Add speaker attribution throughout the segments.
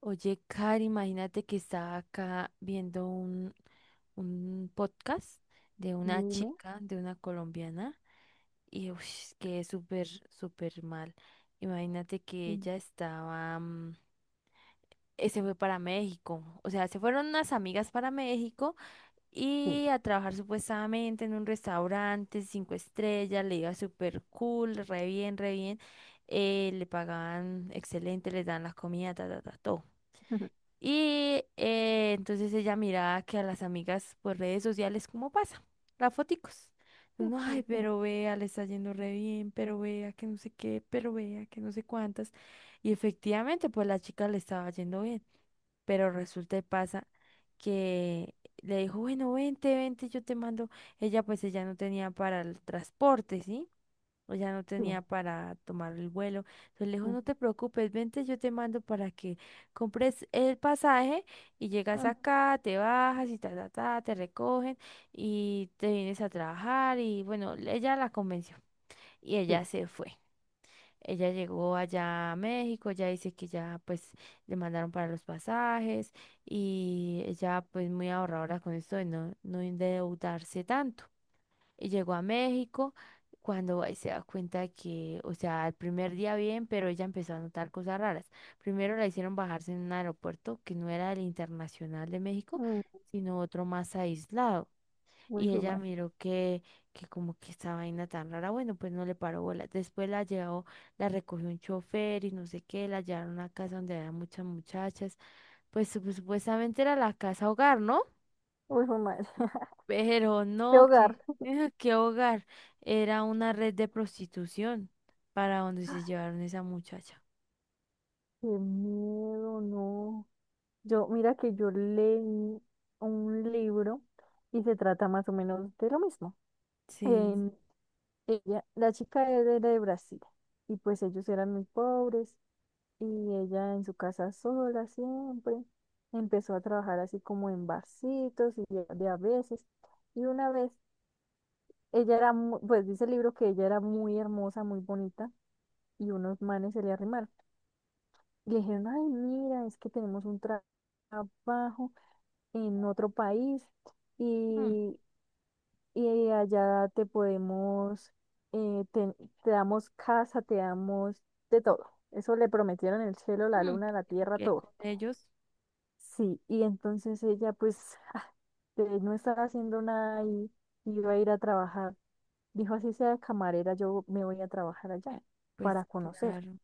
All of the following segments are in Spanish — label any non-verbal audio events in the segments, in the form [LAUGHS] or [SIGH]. Speaker 1: Oye, Cari, imagínate que estaba acá viendo un podcast de una
Speaker 2: Dime.
Speaker 1: chica, de una colombiana, y ush, quedé súper, súper mal. Imagínate que
Speaker 2: Sí.
Speaker 1: ella estaba, se fue para México, o sea, se fueron unas amigas para México
Speaker 2: Sí,
Speaker 1: y a trabajar supuestamente en un restaurante 5 estrellas, le iba súper cool, re bien, le pagaban excelente, les dan las comidas, ta, ta, ta, todo.
Speaker 2: [LAUGHS]
Speaker 1: Y entonces ella miraba que a las amigas por redes sociales, ¿cómo pasa? Las foticos.
Speaker 2: es
Speaker 1: Uno, ay,
Speaker 2: como que
Speaker 1: pero vea, le está yendo re bien, pero vea que no sé qué, pero vea que no sé cuántas. Y efectivamente, pues la chica le estaba yendo bien. Pero resulta y pasa que le dijo, bueno, vente, vente, yo te mando. Ella, pues ella no tenía para el transporte, ¿sí? O sea, no
Speaker 2: sí.
Speaker 1: tenía para tomar el vuelo. Entonces le dijo,
Speaker 2: Mm,
Speaker 1: no te preocupes, vente, yo te mando para que compres el pasaje y llegas
Speaker 2: mm,
Speaker 1: acá, te bajas y ta, ta, ta, te recogen y te vienes a trabajar. Y bueno, ella la convenció y
Speaker 2: sí.
Speaker 1: ella se fue. Ella llegó allá a México, ya dice que ya pues le mandaron para los pasajes y ella pues muy ahorradora con esto de no, no endeudarse tanto. Y llegó a México cuando ahí se da cuenta de que, o sea, el primer día bien, pero ella empezó a notar cosas raras. Primero la hicieron bajarse en un aeropuerto que no era el internacional de México,
Speaker 2: Mm,
Speaker 1: sino otro más aislado.
Speaker 2: muy
Speaker 1: Y ella
Speaker 2: fumar.
Speaker 1: miró que como que esta vaina tan rara, bueno, pues no le paró bola. Después la llevó, la recogió un chofer y no sé qué, la llevaron a una casa donde había muchas muchachas. Pues supuestamente era la casa hogar, ¿no?
Speaker 2: Muy fumar. [LAUGHS]
Speaker 1: Pero
Speaker 2: De
Speaker 1: no,
Speaker 2: hogar.
Speaker 1: que, [LAUGHS] qué hogar. Era una red de prostitución para donde se llevaron esa muchacha.
Speaker 2: Qué miedo, no. Yo, mira que yo leí un libro y se trata más o menos de lo mismo.
Speaker 1: Sí.
Speaker 2: En ella, la chica era de Brasil y pues ellos eran muy pobres y ella en su casa sola siempre empezó a trabajar así como en barcitos y de a veces. Y una vez ella era, pues dice el libro que ella era muy hermosa, muy bonita, y unos manes se le arrimaron. Y le dijeron, ay, mira, es que tenemos un trabajo en otro país
Speaker 1: Mm,
Speaker 2: y, y allá te podemos, eh, te, te damos casa, te damos de todo. Eso le prometieron el cielo, la
Speaker 1: mm.
Speaker 2: luna, la tierra,
Speaker 1: Que
Speaker 2: todo.
Speaker 1: con ellos,
Speaker 2: Sí, y entonces ella pues [LAUGHS] ah, no estaba haciendo nada y iba a ir a trabajar. Dijo, así sea camarera, yo me voy a trabajar allá
Speaker 1: pues
Speaker 2: para conocer.
Speaker 1: claro,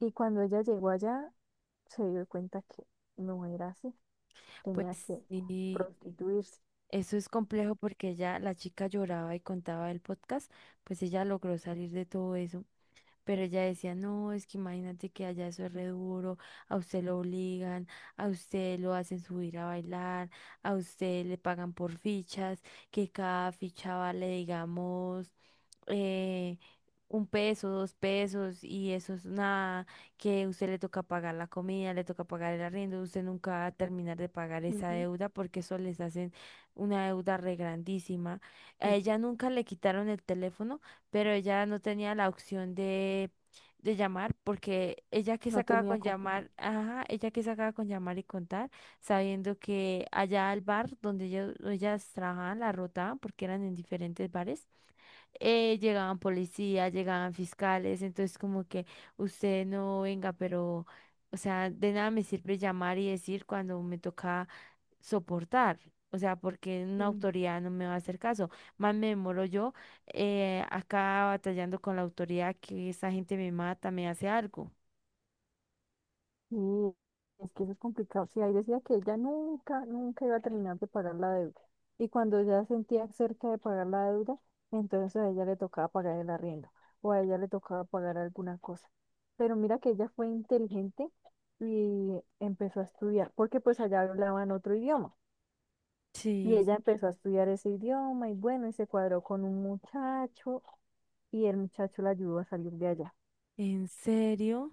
Speaker 2: Y cuando ella llegó allá, se dio cuenta que no era así,
Speaker 1: pues
Speaker 2: tenía que
Speaker 1: sí.
Speaker 2: prostituirse.
Speaker 1: Eso es complejo porque ella, la chica lloraba y contaba el podcast, pues ella logró salir de todo eso. Pero ella decía, no, es que imagínate que allá eso es re duro, a usted lo obligan, a usted lo hacen subir a bailar, a usted le pagan por fichas, que cada ficha vale, digamos, eh, 1 peso, 2 pesos, y eso es nada, que usted le toca pagar la comida, le toca pagar el arriendo, usted nunca va a terminar de pagar esa
Speaker 2: Ujú.
Speaker 1: deuda porque eso les hacen una deuda re grandísima. A
Speaker 2: Ok.
Speaker 1: ella nunca le quitaron el teléfono pero ella no tenía la opción de, llamar porque ella que
Speaker 2: No
Speaker 1: sacaba
Speaker 2: tenía
Speaker 1: con
Speaker 2: confusión.
Speaker 1: llamar, ajá, ella que sacaba con llamar y contar, sabiendo que allá al bar donde ellos, ellas trabajaban, la rotaban porque eran en diferentes bares, llegaban policías, llegaban fiscales, entonces como que usted no venga, pero... O sea, de nada me sirve llamar y decir cuando me toca soportar. O sea, porque una
Speaker 2: Sí.
Speaker 1: autoridad no me va a hacer caso. Más me demoro yo acá batallando con la autoridad que esa gente me mata, me hace algo.
Speaker 2: Sí, es que eso es complicado. Sí, ahí decía que ella nunca, nunca iba a terminar de pagar la deuda. Y cuando ya sentía cerca de pagar la deuda, entonces a ella le tocaba pagar el arriendo o a ella le tocaba pagar alguna cosa. Pero mira que ella fue inteligente y empezó a estudiar, porque pues allá hablaban otro idioma. Y
Speaker 1: Sí,
Speaker 2: ella empezó a estudiar ese idioma y bueno, y se cuadró con un muchacho y el muchacho la ayudó a salir de allá.
Speaker 1: ¿en serio?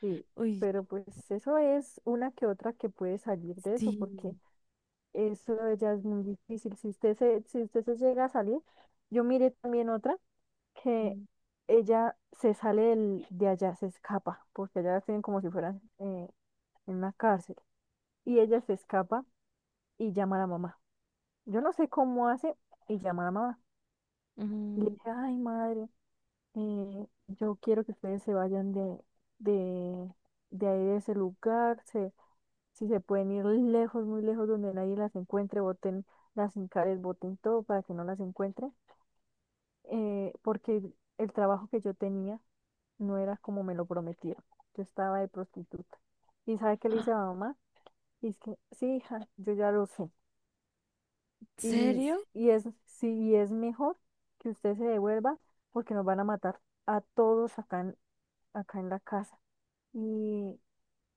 Speaker 2: Sí,
Speaker 1: Uy,
Speaker 2: pero pues eso es una que otra que puede salir de eso, porque
Speaker 1: sí.
Speaker 2: eso ya es muy difícil. Si usted se, si usted se llega a salir, yo miré también otra que
Speaker 1: Mm,
Speaker 2: ella se sale de allá, se escapa, porque allá la tienen como si fueran en una cárcel. Y ella se escapa y llama a la mamá. Yo no sé cómo hace y llama a la mamá. Y le
Speaker 1: ¿en
Speaker 2: dice, ay madre, yo quiero que ustedes se vayan de, de, de, ahí de ese lugar, se, si se pueden ir lejos, muy lejos, donde nadie las encuentre, boten las encares, boten todo para que no las encuentre porque el trabajo que yo tenía no era como me lo prometieron. Yo estaba de prostituta. ¿Y sabe qué le dice a la mamá? Y es que, sí, hija, yo ya lo sé. Y,
Speaker 1: serio?
Speaker 2: y es, sí, y es mejor que usted se devuelva porque nos van a matar a todos acá en, acá en la casa. Y,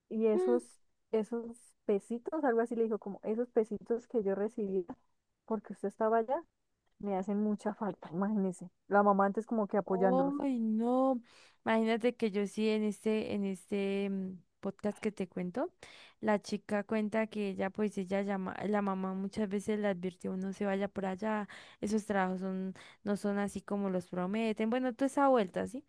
Speaker 2: y esos, esos pesitos, algo así le dijo, como esos pesitos que yo recibía porque usted estaba allá, me hacen mucha falta, imagínese. La mamá antes como que apoyándolos.
Speaker 1: Ay, no. Imagínate que yo sí en este podcast que te cuento, la chica cuenta que ella, pues ella llama, la mamá muchas veces le advirtió, no se vaya por allá, esos trabajos son, no son así como los prometen. Bueno, toda esa vuelta, ¿sí?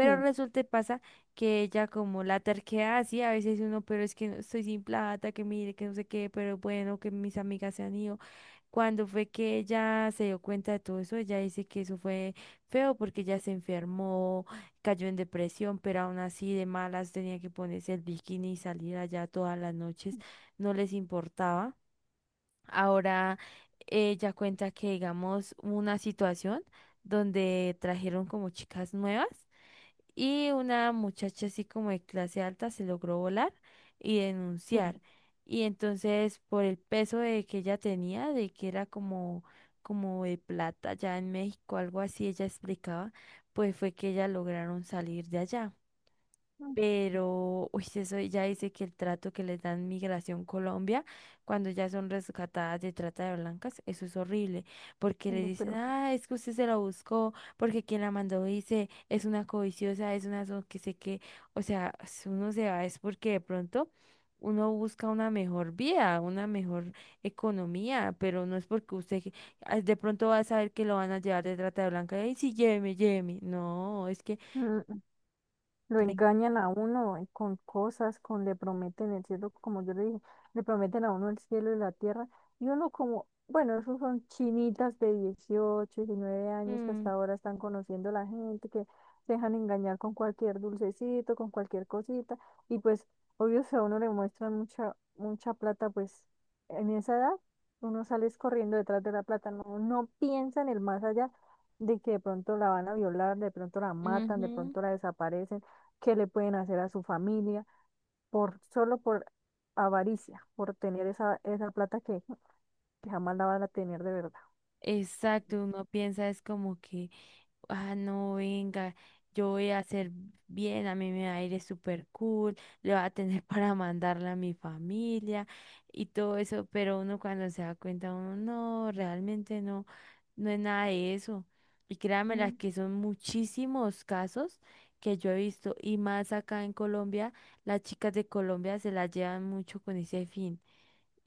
Speaker 2: Sí,
Speaker 1: resulta y pasa que ella como la terquedad así, a veces uno, pero es que estoy sin plata, que mire, que no sé qué, pero bueno, que mis amigas se han ido. Cuando fue que ella se dio cuenta de todo eso, ella dice que eso fue feo porque ella se enfermó, cayó en depresión, pero aún así de malas tenía que ponerse el bikini y salir allá todas las noches, no les importaba. Ahora ella cuenta que digamos una situación donde trajeron como chicas nuevas y una muchacha así como de clase alta se logró volar y
Speaker 2: sí,
Speaker 1: denunciar. Y entonces por el peso de que ella tenía, de que era como, como de plata ya en México, algo así, ella explicaba, pues fue que ellas lograron salir de allá.
Speaker 2: mm,
Speaker 1: Pero, uy, sí, eso ya dice que el trato que les dan Migración Colombia cuando ya son rescatadas de trata de blancas, eso es horrible, porque les
Speaker 2: no,
Speaker 1: dicen,
Speaker 2: pero...
Speaker 1: ah, es que usted se la buscó, porque quien la mandó dice, es una codiciosa, es una que sé qué, o sea, si uno se va es porque de pronto uno busca una mejor vida, una mejor economía, pero no es porque usted ah, de pronto va a saber que lo van a llevar de trata de blancas, y sí, lléveme, lléveme, no, es que...
Speaker 2: sí. Lo
Speaker 1: re-
Speaker 2: engañan a uno con cosas, con le prometen el cielo, como yo le dije, le prometen a uno el cielo y la tierra, y uno como, bueno, esos son chinitas de 18, diecinueve años que
Speaker 1: Mm,
Speaker 2: hasta ahora están conociendo a la gente, que se dejan engañar con cualquier dulcecito, con cualquier cosita, y pues, obvio, si a uno le muestran mucha, mucha plata, pues, en esa edad, uno sale es corriendo detrás de la plata, no, no piensa en el más allá de que de pronto la van a violar, de pronto la matan, de
Speaker 1: ujú.
Speaker 2: pronto la desaparecen que le pueden hacer a su familia por solo por avaricia, por tener esa, plata que jamás la van a tener de verdad.
Speaker 1: Exacto, uno piensa es como que, ah, no, venga, yo voy a hacer bien, a mí me va a ir súper cool, [LAUGHS] le va a tener para mandarle a mi familia y todo eso, pero uno cuando se da cuenta, uno no, realmente no, no es nada de eso. Y créanme las
Speaker 2: Mm.
Speaker 1: que son muchísimos casos que yo he visto, y más acá en Colombia, las chicas de Colombia se las llevan mucho con ese fin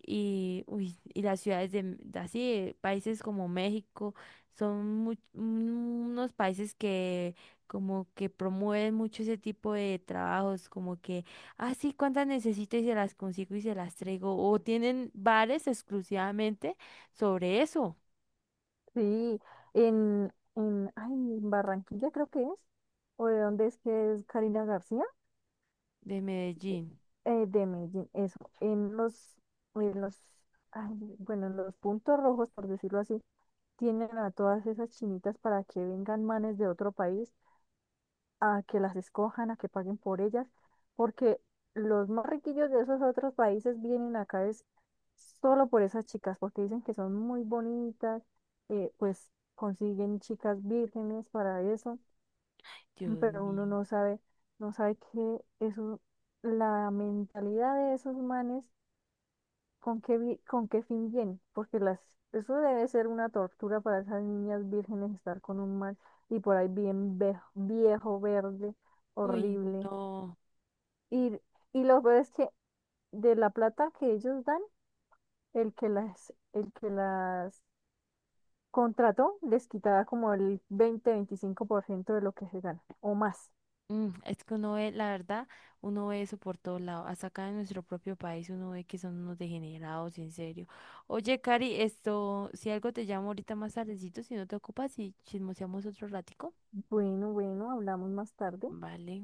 Speaker 1: y, uy, y las ciudades de, así, países como México, son unos países que como que promueven mucho ese tipo de trabajos, como que, ah, sí, cuántas necesito y se las consigo y se las traigo, o tienen bares exclusivamente sobre eso
Speaker 2: Sí, en Barranquilla creo que es, o de dónde es que es Karina García,
Speaker 1: de
Speaker 2: eh,
Speaker 1: Medellín.
Speaker 2: de Medellín, eso, en los, ay, bueno, en los puntos rojos, por decirlo así, tienen a todas esas chinitas para que vengan manes de otro país a que las escojan, a que paguen por ellas, porque los más riquillos de esos otros países vienen acá es solo por esas chicas, porque dicen que son muy bonitas, pues consiguen chicas vírgenes para eso, [LAUGHS]
Speaker 1: Dios
Speaker 2: pero
Speaker 1: mío.
Speaker 2: uno no sabe, no sabe que eso, la mentalidad de esos manes, con qué fin viene, porque las, eso debe ser una tortura para esas niñas vírgenes estar con un man y por ahí bien viejo, verde,
Speaker 1: Uy,
Speaker 2: horrible
Speaker 1: no.
Speaker 2: y, y lo peor es que de la plata que ellos dan, el que las, contrató les quitaba como el 20-25% de lo que se gana o más.
Speaker 1: Mm, es que uno ve, la verdad, uno ve eso por todos lados. Hasta acá en nuestro propio país uno ve que son unos degenerados, en serio. Oye, Cari, esto, si algo te llamo ahorita más tardecito, si no te ocupas y chismoseamos otro ratico.
Speaker 2: Bueno, bueno, hablamos más tarde.
Speaker 1: Vale.